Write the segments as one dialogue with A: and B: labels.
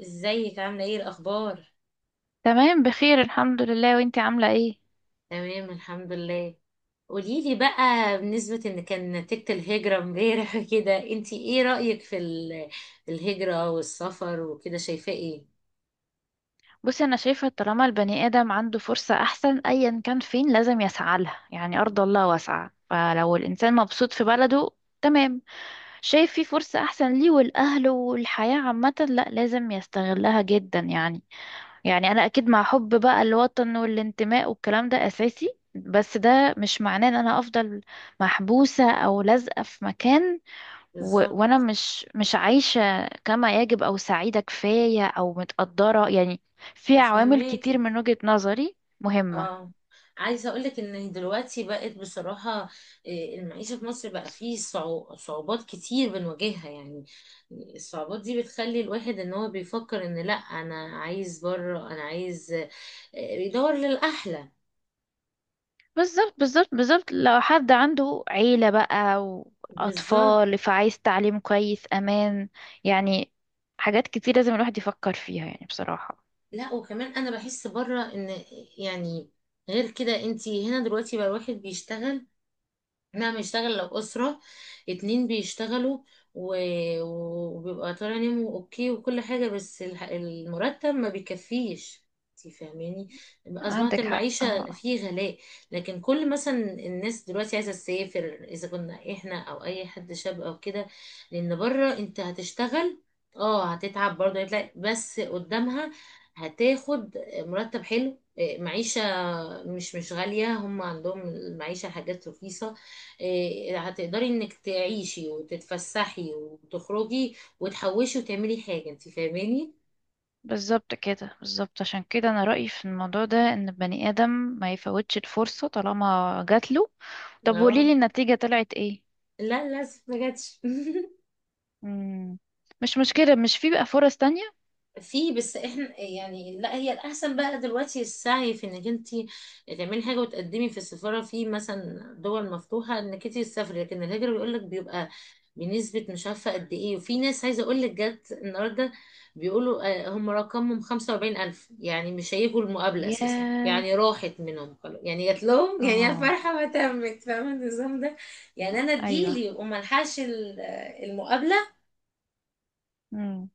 A: ازيك عاملة ايه الأخبار؟
B: تمام، بخير الحمد لله. وانتي عاملة ايه؟
A: تمام الحمد لله. قوليلي بقى بالنسبة ان كان نتيجة الهجرة امبارح كده، انتي ايه رأيك في الهجرة والسفر وكده، شايفاه ايه؟
B: بصي، انا شايفة طالما البني ادم عنده فرصة احسن ايا كان فين لازم يسعى لها. يعني ارض الله واسعة، فلو الانسان مبسوط في بلده تمام، شايف في فرصة احسن ليه والاهل والحياة عامة، لا لازم يستغلها جدا يعني. يعني انا اكيد مع حب بقى الوطن والانتماء والكلام ده اساسي، بس ده مش معناه ان انا افضل محبوسة او لازقة في مكان. وانا
A: بالظبط.
B: مش عايشة كما يجب او سعيدة كفاية او متقدرة يعني. في عوامل كتير
A: فهماكي.
B: من وجهة نظري مهمة.
A: اه، عايزة اقولك ان دلوقتي بقت بصراحة المعيشة في مصر بقى فيه صعوبات كتير بنواجهها يعني. الصعوبات دي بتخلي الواحد ان هو بيفكر ان لا، انا عايز بره، انا عايز بيدور للأحلى.
B: بالظبط بالظبط بالظبط، لو حد عنده عيلة بقى
A: بالظبط.
B: واطفال فعايز تعليم كويس، امان يعني، حاجات كتير لازم الواحد يفكر فيها يعني بصراحة.
A: لا، وكمان انا بحس بره ان يعني غير كده، انتي هنا دلوقتي بقى الواحد بيشتغل، نعم، يشتغل لو أسرة اتنين بيشتغلوا و... وبيبقى طالع نيمو اوكي وكل حاجة، بس المرتب ما بيكفيش، انتي فاهماني. أصبحت
B: عندك حق،
A: المعيشة
B: اه.
A: فيه غلاء. لكن كل مثلا الناس دلوقتي عايزة تسافر، إذا كنا إحنا أو أي حد شاب أو كده، لأن بره أنت هتشتغل، اه، هتتعب برضه، هتلاقي بس قدامها هتاخد مرتب حلو، معيشة مش غالية، هم عندهم المعيشة حاجات رخيصة، هتقدري انك تعيشي وتتفسحي وتخرجي وتحوشي وتعملي حاجة، انت فاهماني.
B: بالظبط كده، بالظبط، عشان كده انا رأيي في الموضوع ده ان البني ادم ما يفوتش الفرصة طالما جات له. طب
A: اه.
B: قوليلي النتيجة طلعت ايه؟
A: لا لا، ما جاتش.
B: مم. مش مشكلة، مش في بقى فرص تانية؟
A: في، بس احنا يعني لا، هي الاحسن بقى دلوقتي السعي في انك انت تعملي حاجه وتقدمي في السفاره في مثلا دول مفتوحه انك انت تسافري، لكن الهجره بيقول لك بيبقى بنسبه مش عارفه قد ايه، وفي ناس عايزه اقول لك جت النهارده بيقولوا هم رقمهم 45000 يعني مش هيجوا المقابله اساسا،
B: ياه.
A: يعني راحت منهم خلاص، يعني جات لهم يعني يا
B: اه.
A: فرحه ما تمت، فاهمه النظام ده. يعني انا
B: ايوه.
A: تجيلي وما الحقش المقابله
B: مم.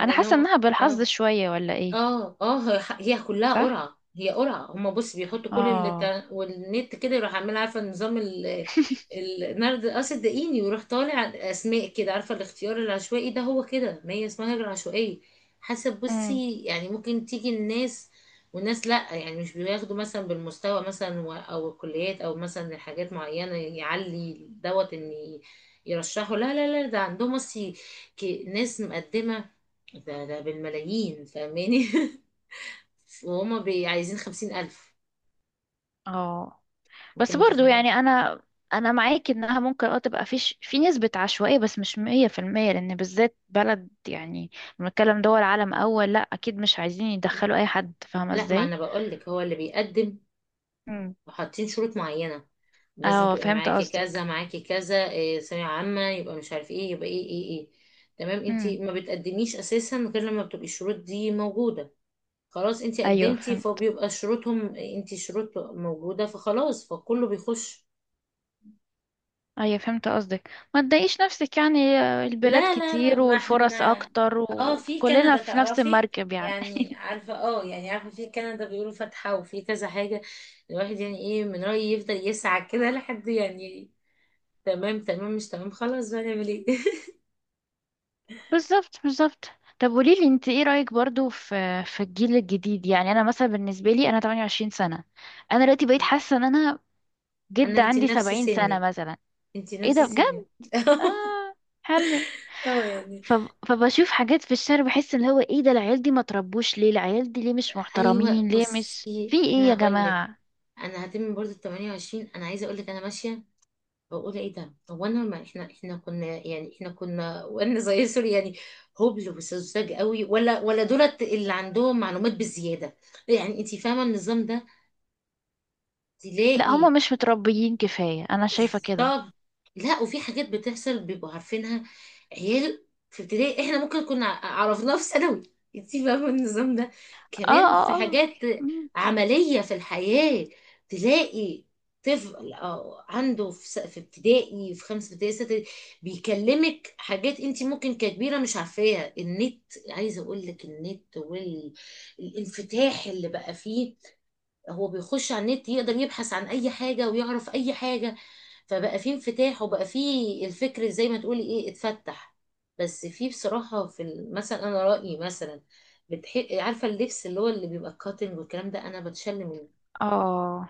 B: انا حاسة انها بالحظ
A: اه
B: شوية ولا ايه؟
A: اه اه، هي هي كلها
B: صح.
A: قرعة، هي قرعة، هما بص بيحطوا كل
B: اه.
A: والنت كده يروح عامل، عارفة نظام النرد الأسد الدقيقي، ويروح طالع أسماء كده، عارفة الاختيار العشوائي ده، هو كده ما هي اسمها هجرة عشوائية حسب.
B: امم.
A: بصي يعني ممكن تيجي الناس والناس لأ، يعني مش بياخدوا مثلا بالمستوى مثلا أو الكليات أو مثلا حاجات معينة يعلي دوت إن يرشحوا، لا لا لا، ده عندهم بصي ناس مقدمة ده ده بالملايين، فاهماني. وهما عايزين خمسين ألف،
B: اه،
A: انت
B: بس برضو
A: متخيلة.
B: يعني انا انا معاك انها ممكن اه تبقى فيش في نسبة عشوائية، بس مش مية في المية، لان بالذات بلد يعني بنتكلم دول عالم اول، لا اكيد مش عايزين يدخلوا اي حد، فاهمة
A: لا، ما
B: ازاي.
A: انا بقولك هو اللي بيقدم،
B: مم.
A: وحاطين شروط معينة لازم
B: اه
A: تبقي
B: فهمت
A: معاكي
B: قصدك.
A: كذا معاكي كذا إيه ثانوية عامة يبقى مش عارف ايه يبقى ايه ايه ايه. تمام، انت
B: امم.
A: ما بتقدميش اساسا غير لما بتبقي الشروط دي موجودة. خلاص انت
B: ايوه
A: قدمتي،
B: فهمت.
A: فبيبقى شروطهم، انت شروط موجودة، فخلاص، فكله بيخش.
B: ايوه فهمت قصدك، ما تضايقيش نفسك يعني، آه، البلاد
A: لا،
B: كتير
A: ما
B: والفرص
A: احنا
B: اكتر،
A: اه في
B: وكلنا
A: كندا
B: في نفس
A: تعرفي،
B: المركب يعني.
A: يعني عارفة، اه، يعني عارفة في كندا بيقولوا فاتحة، وفي كذا حاجة. الواحد يعني ايه، من رأيي يفضل يسعى كده لحد يعني. تمام تمام، مش تمام، خلاص بقى نعمل ايه.
B: بالظبط بالظبط. طب قوليلي، انت ايه رأيك برضو في في الجيل الجديد؟ يعني انا مثلا، بالنسبة لي، انا 28 سنة. انا دلوقتي بقيت حاسة ان انا جد
A: انا انتي
B: عندي
A: نفس
B: 70 سنة
A: سني،
B: مثلا.
A: انتي
B: ايه
A: نفس
B: ده بجد؟
A: سني.
B: اه. حلو.
A: اه، يعني
B: ف... فبشوف حاجات في الشارع بحس ان هو ايه ده، العيال دي ما تربوش ليه؟ العيال دي ليه مش
A: ايوه.
B: محترمين؟ ليه مش
A: بصي،
B: في ايه
A: انا
B: يا
A: هقول لك،
B: جماعة؟
A: انا هتم برضه ال 28، انا عايزه اقول لك انا ماشيه بقول ايه ده، هو انا ما احنا احنا كنا يعني احنا كنا وانا زي سوري يعني هبل وسذاج قوي، ولا دولت اللي عندهم معلومات بزياده، يعني انت فاهمه النظام ده.
B: لا هما
A: تلاقي،
B: مش متربيين كفاية، انا شايفة كده.
A: بالظبط. لا، وفي حاجات بتحصل بيبقوا عارفينها، عيال في ابتدائي احنا ممكن كنا عرفناها في ثانوي، انتي فاهمة النظام ده.
B: اه
A: كمان في
B: اه اه.
A: حاجات
B: مم.
A: عملية في الحياة، تلاقي طفل أو عنده في في ابتدائي، في خمسة ابتدائي، ستة ابتدائي، بيكلمك حاجات انتي ممكن ككبيرة مش عارفاها. النت، عايزة اقول لك النت والانفتاح اللي بقى فيه، هو بيخش على النت يقدر يبحث عن اي حاجة ويعرف اي حاجة، فبقى فيه انفتاح، وبقى فيه الفكر زي ما تقولي ايه، اتفتح. بس فيه بصراحة في مثلا انا رأيي مثلا، عارفة اللبس اللي هو اللي بيبقى الكاتنج والكلام ده، انا بتشل منه.
B: اه،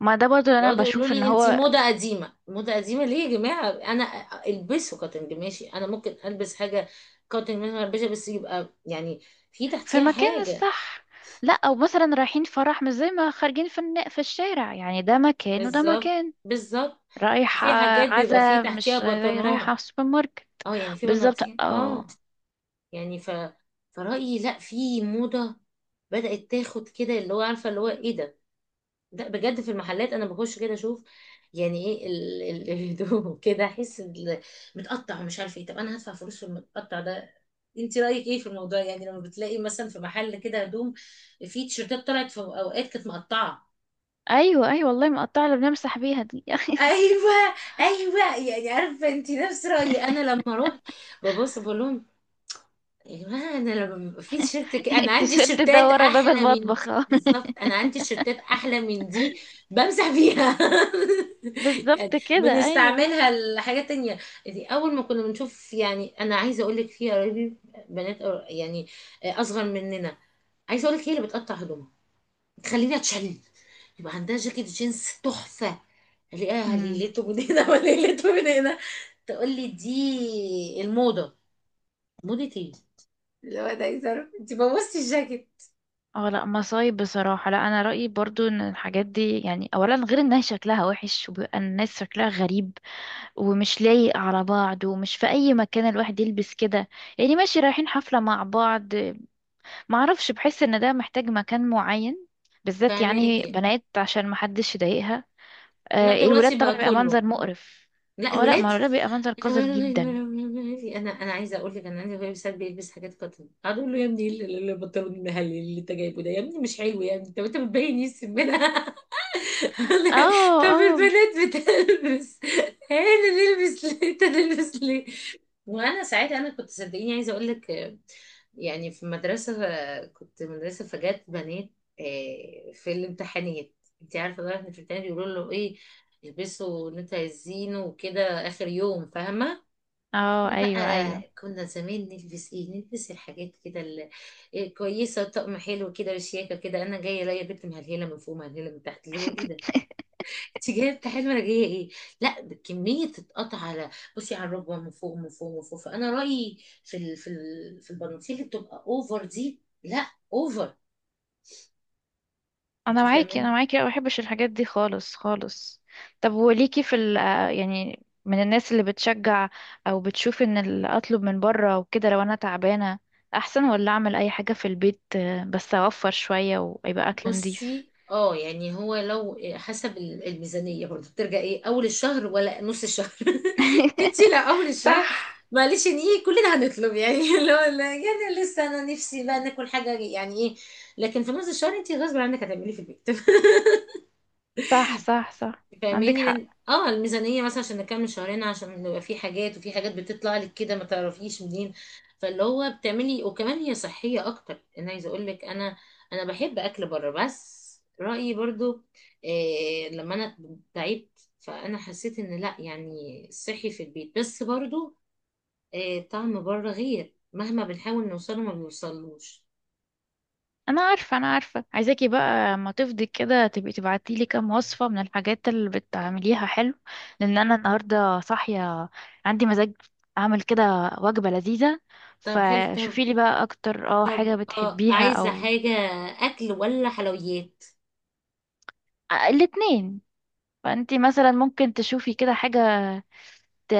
B: ما ده برضو اللي انا
A: يقعدوا يقولوا
B: بشوف ان
A: لي انتي
B: هو
A: موضة قديمة، موضة قديمة ليه يا جماعة، انا البسه كاتنج ماشي، انا ممكن البس حاجة كاتنج ماشي، ما البسها، بس يبقى يعني في
B: في
A: تحتيها
B: مكان
A: حاجة.
B: الصح. لا او مثلا رايحين فرح مش زي ما خارجين في في الشارع يعني، ده مكان وده
A: بالظبط
B: مكان.
A: بالظبط.
B: رايحة
A: في حاجات بيبقى في
B: عزا
A: تحتيها
B: مش زي
A: بطانات.
B: رايحة في سوبر ماركت.
A: اه، يعني في
B: بالظبط
A: بناطيل، اه.
B: اه.
A: يعني ف، فرأيي لا، في موضة بدأت تاخد كده اللي هو، عارفة اللي هو ايه ده، ده بجد في المحلات، انا بخش كده اشوف يعني ايه الهدوم. كده احس متقطع، ومش عارفه ايه، طب انا هدفع فلوس في المتقطع ده. انت رأيك ايه في الموضوع يعني، لما بتلاقي مثلا في محل كده هدوم، في تيشيرتات طلعت في اوقات كانت مقطعة.
B: ايوه ايوه والله، مقطعة اللي بنمسح بيها دي.
A: ايوه ايوه، يعني عارفه انت نفس رايي. انا لما اروح ببص بقول لهم يا جماعة، أنا لما بيبقى في تيشيرت كده، أنا عندي
B: التيشيرت ده
A: تيشيرتات
B: ورا باب
A: أحلى من
B: المطبخ،
A: دي
B: آه.
A: بالظبط، أنا عندي تيشيرتات أحلى من دي، بمسح فيها. يعني
B: بالظبط كده ايوه
A: بنستعملها لحاجات تانية. دي أول ما كنا بنشوف، يعني أنا عايزة أقول لك في قرايبي بنات يعني أصغر مننا، عايزة أقول لك هي اللي بتقطع هدومها تخليني أتشل، يبقى عندها جاكيت جينز تحفة، ألاقيها
B: ايوه.
A: ليلته من هنا وليلته من هنا، تقول لي دي الموضة. موضة إيه؟ اللي هو ده يزار، انت بوظتي الجاكيت.
B: اه لا مصايب بصراحة. لا انا رأيي برضو ان الحاجات دي يعني، اولا غير انها شكلها وحش وبيبقى الناس شكلها غريب ومش لايق على بعض، ومش في اي مكان الواحد يلبس كده يعني. ماشي رايحين حفلة مع بعض، معرفش، بحس ان ده محتاج مكان معين، بالذات يعني
A: فاهماكي.
B: بنات عشان محدش يضايقها.
A: لا
B: آه الولاد
A: دلوقتي
B: طبعا
A: بقى
B: بيبقى
A: كله،
B: منظر مقرف.
A: لا
B: اه لا،
A: الولاد.
B: ما الولاد بيبقى منظر قذر جدا.
A: انا عايزه اقول لك انا عندي اخويا ساعات بيلبس حاجات قطن، اقعد اقول له يا ابني، ايه البنطلون المهلي اللي انت جايبه ده يا ابني، مش حلو يا ابني، طب انت بتبين ايه السمنه.
B: اه
A: طب
B: اه
A: البنات بتلبس، انا نلبس ليه، انت نلبس ليه. وانا ساعتها انا كنت صدقيني عايزه اقول لك، يعني في مدرسه، كنت مدرسه، فجات بنات في الامتحانات، انت عارفه بقى في الامتحانات بيقولوا له ايه، يلبسوا ان انتوا عايزينه وكده اخر يوم، فاهمه.
B: اه.
A: احنا
B: ايوه
A: بقى
B: ايوه.
A: كنا زمان نلبس ايه، نلبس الحاجات كده كويسه، طقم حلو كده وشياكه كده، انا جايه الاقي بنت مهلهله من فوق مهلهله من تحت، اللي هو ايه ده، انت جايب كحيل مرجية ايه، لا كمية تتقطع على، بصي على الركبة، من فوق، فانا رأيي في ال... في ال... في البناطيل اللي بتبقى اوفر دي لا، اوفر،
B: انا
A: انت
B: معاكي، انا
A: فاهماني.
B: معاكي، أنا ما بحبش الحاجات دي خالص خالص. طب وليكي في ال، آه، يعني من الناس اللي بتشجع او بتشوف ان اطلب من بره وكده لو انا تعبانه احسن، ولا اعمل اي حاجه في البيت آه، بس اوفر شويه ويبقى اكل نضيف.
A: بصي اه، يعني هو لو حسب الميزانية برضه، بترجع ايه، اول الشهر ولا نص الشهر؟ انت لا، اول
B: صح
A: الشهر معلش ان ايه، كلنا هنطلب يعني، اللي هو لا يعني لسه، انا نفسي بقى ناكل حاجة يعني ايه، لكن في نص الشهر انت غصب عنك هتعملي إيه في البيت،
B: صح صح. صح عندك
A: فاهماني. لان
B: حق.
A: اه الميزانيه مثلا عشان نكمل شهرين، عشان نبقى في حاجات، وفي حاجات بتطلع لك كده ما تعرفيش منين، فاللي هو بتعملي، وكمان هي صحيه اكتر. انا عايزه اقول لك انا بحب اكل بره، بس رايي برضو إيه، لما انا تعبت فانا حسيت ان لا يعني صحي في البيت، بس برضو إيه، طعم بره غير، مهما بنحاول نوصله ما بيوصلوش.
B: انا عارفه انا عارفه، عايزاكي بقى اما تفضي كده تبقي تبعتي لي كام وصفه من الحاجات اللي بتعمليها حلو، لان انا النهارده صاحيه، عندي مزاج اعمل كده وجبه لذيذه.
A: طب حلو، طب
B: فشوفي لي بقى اكتر اه حاجه
A: طب
B: بتحبيها
A: عايزه
B: او،
A: حاجه اكل ولا حلويات؟
B: آه، الاتنين. فانتي مثلا ممكن تشوفي كده حاجه ت...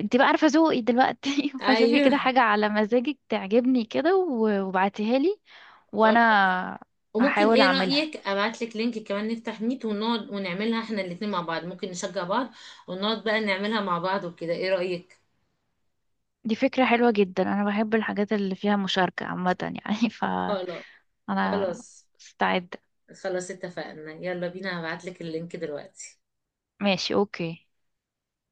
B: انتي بقى عارفه ذوقي دلوقتي، فشوفي
A: ايوه.
B: كده حاجه على مزاجك تعجبني كده وابعتيها لي وانا
A: وممكن
B: هحاول
A: ايه
B: اعملها.
A: رأيك ابعت لك لينك كمان، نفتح ميت ونقعد ونعملها احنا الاتنين مع بعض، ممكن نشجع بعض، ونقعد بقى نعملها مع بعض وكده، ايه رأيك؟
B: دي فكرة حلوة جدا، أنا بحب الحاجات اللي فيها مشاركة عامة يعني.
A: خلاص.
B: فأنا
A: خلاص
B: استعد.
A: خلاص اتفقنا، يلا بينا، هبعت لك اللينك دلوقتي.
B: ماشي، أوكي.